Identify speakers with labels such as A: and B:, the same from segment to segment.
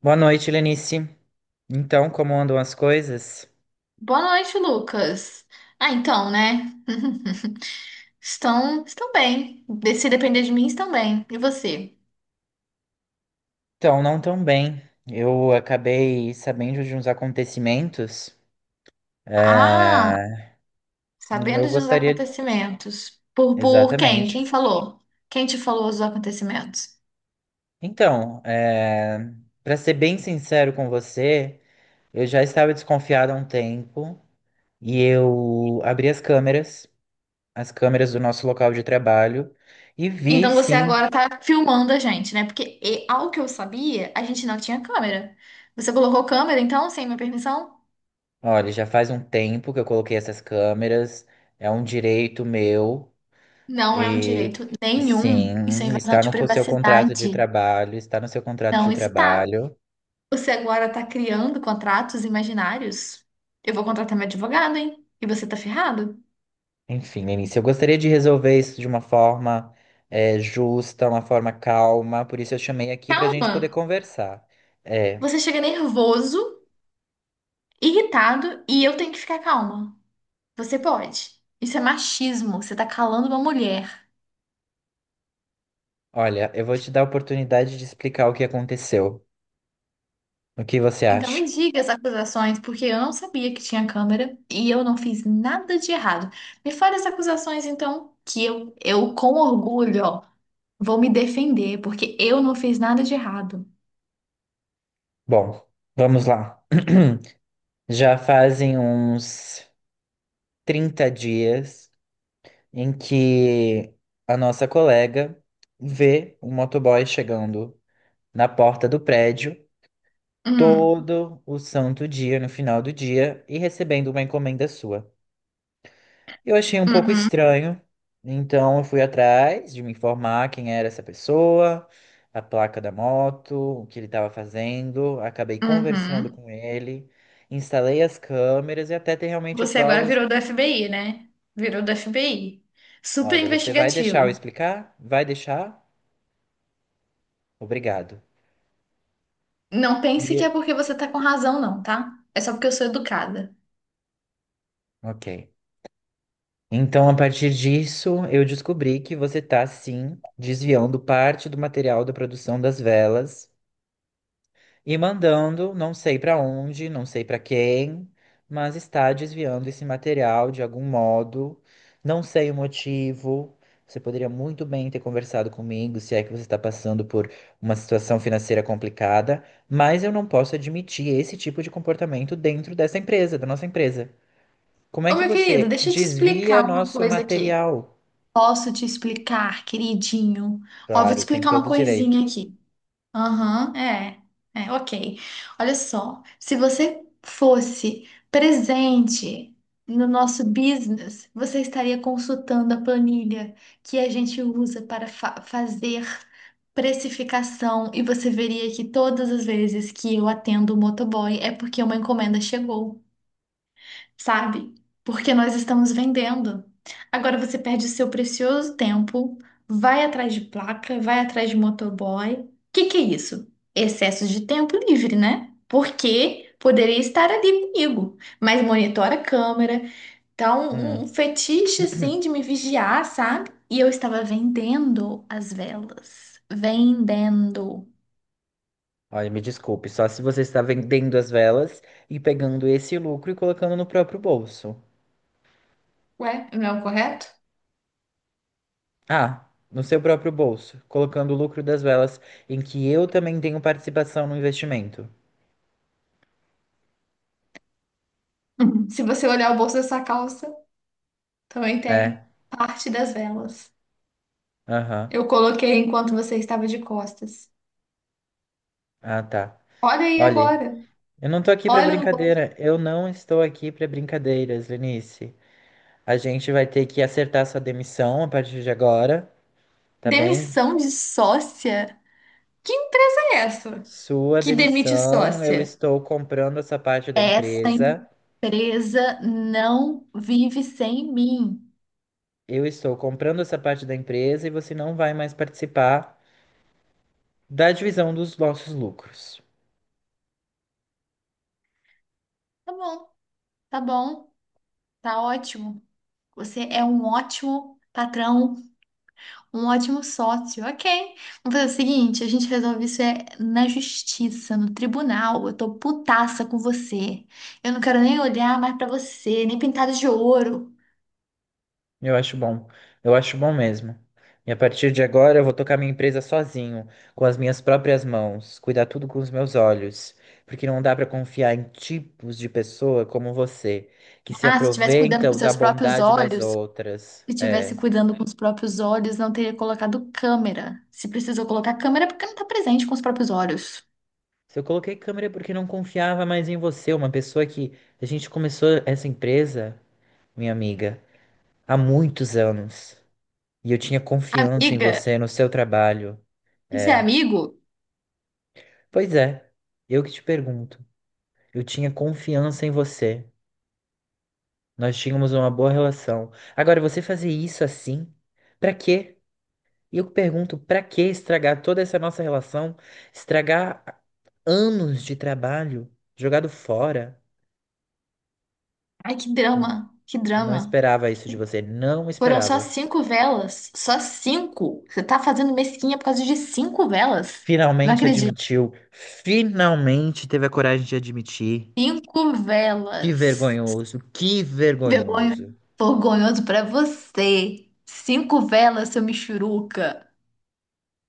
A: Boa noite, Lenice. Então, como andam as coisas?
B: Boa noite, Lucas. Ah, então, né? Estão bem. Se depender de mim, estão bem. E você?
A: Então, não tão bem. Eu acabei sabendo de uns acontecimentos.
B: Ah,
A: É, Eu
B: sabendo de uns
A: gostaria.
B: acontecimentos. Por quem?
A: Exatamente.
B: Quem falou? Quem te falou os acontecimentos?
A: Então, é... Para ser bem sincero com você, eu já estava desconfiado há um tempo e eu abri as câmeras do nosso local de trabalho, e vi
B: Então você
A: sim.
B: agora tá filmando a gente, né? Porque, ao que eu sabia, a gente não tinha câmera. Você colocou câmera, então, sem minha permissão?
A: Olha, já faz um tempo que eu coloquei essas câmeras, é um direito meu.
B: Não é um
A: E
B: direito nenhum. Isso é
A: sim,
B: invasão
A: está
B: de
A: no seu contrato de
B: privacidade.
A: trabalho, está no seu contrato
B: Não
A: de
B: está.
A: trabalho.
B: Você agora está criando contratos imaginários? Eu vou contratar meu advogado, hein? E você tá ferrado?
A: Enfim, Lenice, eu gostaria de resolver isso de uma forma justa, uma forma calma, por isso eu chamei aqui para a gente poder
B: Calma!
A: conversar. É,
B: Você chega nervoso, irritado e eu tenho que ficar calma. Você pode. Isso é machismo. Você tá calando uma mulher.
A: olha, eu vou te dar a oportunidade de explicar o que aconteceu. O que você
B: Então
A: acha?
B: me diga as acusações, porque eu não sabia que tinha câmera e eu não fiz nada de errado. Me fale as acusações, então, que eu com orgulho, ó, vou me defender, porque eu não fiz nada de errado.
A: Bom, vamos lá. Já fazem uns 30 dias em que a nossa colega vê um motoboy chegando na porta do prédio
B: Hum,
A: todo o santo dia, no final do dia, e recebendo uma encomenda sua. Eu achei um pouco
B: uhum,
A: estranho, então eu fui atrás de me informar quem era essa pessoa, a placa da moto, o que ele estava fazendo, acabei conversando
B: uhum.
A: com ele, instalei as câmeras e até ter realmente
B: Você agora
A: provas.
B: virou do FBI, né? Virou do FBI. Super
A: Olha, você vai deixar eu
B: investigativo.
A: explicar? Vai deixar? Obrigado.
B: Não pense que é
A: E,
B: porque você tá com razão, não, tá? É só porque eu sou educada.
A: ok. Então, a partir disso, eu descobri que você está, sim, desviando parte do material da produção das velas e mandando, não sei para onde, não sei para quem, mas está desviando esse material de algum modo. Não sei o motivo. Você poderia muito bem ter conversado comigo se é que você está passando por uma situação financeira complicada, mas eu não posso admitir esse tipo de comportamento dentro dessa empresa, da nossa empresa. Como é
B: Ô,
A: que
B: meu querido,
A: você
B: deixa eu te
A: desvia
B: explicar uma
A: nosso
B: coisa aqui.
A: material?
B: Posso te explicar, queridinho? Ó, vou te
A: Claro, tem
B: explicar
A: todo
B: uma
A: o direito.
B: coisinha aqui. Aham, é, é, ok. Olha só, se você fosse presente no nosso business, você estaria consultando a planilha que a gente usa para fazer precificação e você veria que todas as vezes que eu atendo o motoboy é porque uma encomenda chegou, sabe? Porque nós estamos vendendo. Agora você perde o seu precioso tempo, vai atrás de placa, vai atrás de motoboy. O que que é isso? Excesso de tempo livre, né? Porque poderia estar ali comigo, mas monitora a câmera. Então, um
A: Hum.
B: fetiche assim de me vigiar, sabe? E eu estava vendendo as velas. Vendendo.
A: Olha, me desculpe, só se você está vendendo as velas e pegando esse lucro e colocando no próprio bolso.
B: Ué, não é o correto?
A: Ah, no seu próprio bolso, colocando o lucro das velas em que eu também tenho participação no investimento.
B: Se você olhar o bolso dessa calça, também
A: É,
B: tem parte das velas.
A: aham.
B: Eu coloquei enquanto você estava de costas.
A: Ah, tá.
B: Olha aí
A: Olha,
B: agora.
A: eu não tô aqui pra
B: Olha no bolso.
A: brincadeira. Eu não estou aqui pra brincadeiras, Lenice. A gente vai ter que acertar sua demissão a partir de agora, tá bem?
B: Demissão de sócia? Que empresa é essa
A: Sua
B: que demite
A: demissão, eu
B: sócia?
A: estou comprando essa parte da
B: Essa
A: empresa.
B: empresa não vive sem mim.
A: Eu estou comprando essa parte da empresa e você não vai mais participar da divisão dos nossos lucros.
B: Tá bom, tá bom, tá ótimo. Você é um ótimo patrão. Um ótimo sócio, ok. Vamos fazer o seguinte, a gente resolve isso é na justiça, no tribunal. Eu tô putaça com você. Eu não quero nem olhar mais pra você, nem pintada de ouro.
A: Eu acho bom. Eu acho bom mesmo. E a partir de agora eu vou tocar minha empresa sozinho, com as minhas próprias mãos, cuidar tudo com os meus olhos, porque não dá para confiar em tipos de pessoa como você, que se
B: Ah, se tivesse cuidando com
A: aproveitam da
B: seus próprios
A: bondade das
B: olhos,
A: outras.
B: se tivesse
A: É.
B: cuidando com os próprios olhos, não teria colocado câmera. Se precisou colocar câmera, é porque não tá presente com os próprios olhos.
A: Se eu coloquei câmera é porque não confiava mais em você, uma pessoa que a gente começou essa empresa, minha amiga, há muitos anos. E eu tinha confiança em
B: Amiga,
A: você, no seu trabalho.
B: isso é
A: É.
B: amigo?
A: Pois é, eu que te pergunto. Eu tinha confiança em você. Nós tínhamos uma boa relação. Agora, você fazer isso assim? Pra quê? E eu pergunto, pra que estragar toda essa nossa relação? Estragar anos de trabalho jogado fora?
B: Ai, que drama, que
A: Não
B: drama.
A: esperava isso de você, não
B: Foram só
A: esperava.
B: cinco velas. Só cinco. Você tá fazendo mesquinha por causa de cinco velas? Não
A: Finalmente
B: acredito.
A: admitiu, finalmente teve a coragem de admitir.
B: Cinco
A: Que
B: velas.
A: vergonhoso, que
B: Vergonha.
A: vergonhoso.
B: Vergonhoso pra você. Cinco velas, seu michuruca.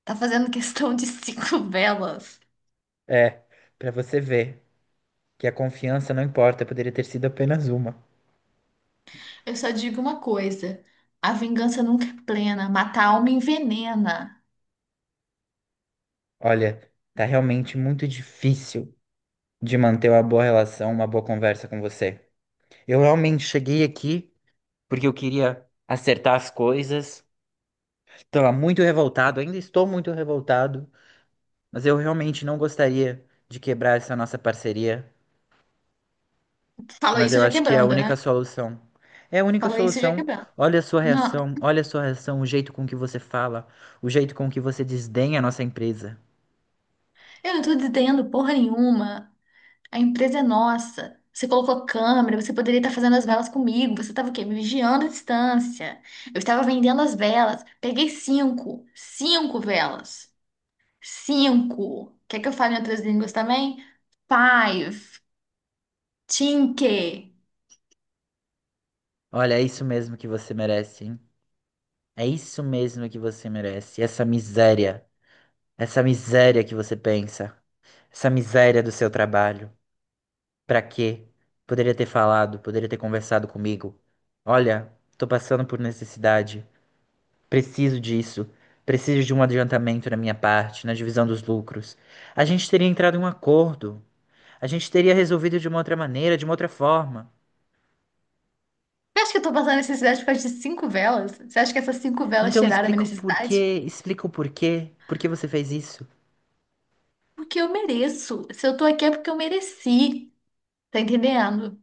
B: Tá fazendo questão de cinco velas.
A: É, pra você ver que a confiança não importa, poderia ter sido apenas uma.
B: Eu só digo uma coisa. A vingança nunca é plena. Matar a alma envenena.
A: Olha, tá realmente muito difícil de manter uma boa relação, uma boa conversa com você. Eu realmente cheguei aqui porque eu queria acertar as coisas. Estava muito revoltado, ainda estou muito revoltado. Mas eu realmente não gostaria de quebrar essa nossa parceria,
B: Falou
A: mas
B: isso
A: eu
B: já
A: acho que é a
B: quebrando,
A: única
B: né?
A: solução. É a única
B: Falou isso já
A: solução.
B: quebrando.
A: Olha a sua
B: Não,
A: reação, olha a sua reação, o jeito com que você fala, o jeito com que você desdenha a nossa empresa.
B: eu não tô dizendo porra nenhuma. A empresa é nossa. Você colocou câmera, você poderia estar fazendo as velas comigo. Você estava o quê? Me vigiando à distância. Eu estava vendendo as velas. Peguei cinco. Cinco velas. Cinco. Quer que eu fale em outras línguas também? Five. Cinque.
A: Olha, é isso mesmo que você merece, hein? É isso mesmo que você merece. Essa miséria que você pensa, essa miséria do seu trabalho. Pra quê? Poderia ter falado, poderia ter conversado comigo. Olha, tô passando por necessidade. Preciso disso. Preciso de um adiantamento na minha parte, na divisão dos lucros. A gente teria entrado em um acordo. A gente teria resolvido de uma outra maneira, de uma outra forma.
B: Você acha que eu estou passando necessidade por causa de cinco velas? Você acha que essas cinco velas
A: Então me
B: tiraram a minha
A: explica o
B: necessidade?
A: porquê, explica o porquê. Por que você fez isso?
B: Porque eu mereço. Se eu tô aqui é porque eu mereci. Tá entendendo?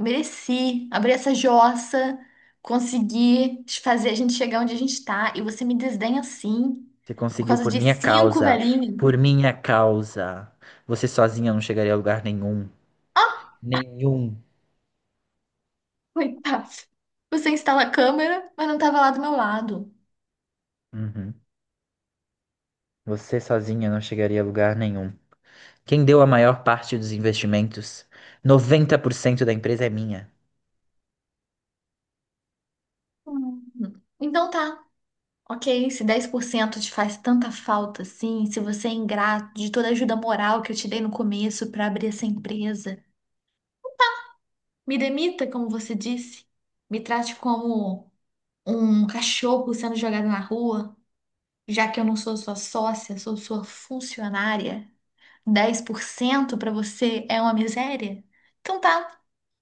B: Mereci abrir essa jossa, consegui fazer a gente chegar onde a gente tá, e você me desdenha assim,
A: Você
B: por
A: conseguiu
B: causa
A: por
B: de
A: minha
B: cinco
A: causa.
B: velhinhos.
A: Por minha causa. Você sozinha não chegaria a lugar nenhum.
B: Ah,
A: Nenhum.
B: coitado. Você instala a câmera, mas não tava lá do meu lado.
A: Uhum. Você sozinha não chegaria a lugar nenhum. Quem deu a maior parte dos investimentos? 90% da empresa é minha.
B: Hum. Então tá, ok. Se 10% te faz tanta falta assim, se você é ingrato de toda a ajuda moral que eu te dei no começo pra abrir essa empresa, me demita, como você disse. Me trate como um cachorro sendo jogado na rua, já que eu não sou sua sócia, sou sua funcionária. 10% para você é uma miséria? Então tá,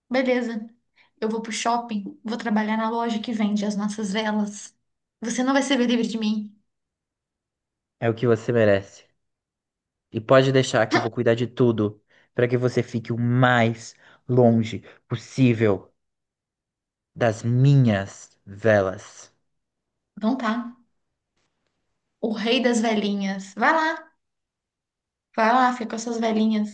B: beleza. Eu vou pro shopping, vou trabalhar na loja que vende as nossas velas. Você não vai se ver livre de mim.
A: É o que você merece. E pode deixar que eu vou cuidar de tudo para que você fique o mais longe possível das minhas velas.
B: Então tá. O rei das velhinhas. Vai lá, fica com as suas velhinhas.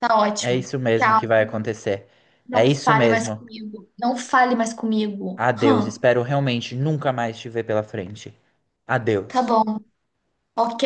B: Tá
A: É
B: ótimo.
A: isso mesmo
B: Tchau.
A: que vai acontecer. É
B: Não
A: isso
B: fale mais
A: mesmo.
B: comigo. Não fale mais comigo.
A: Adeus. Espero realmente nunca mais te ver pela frente.
B: Tá
A: Adeus.
B: bom. Ok.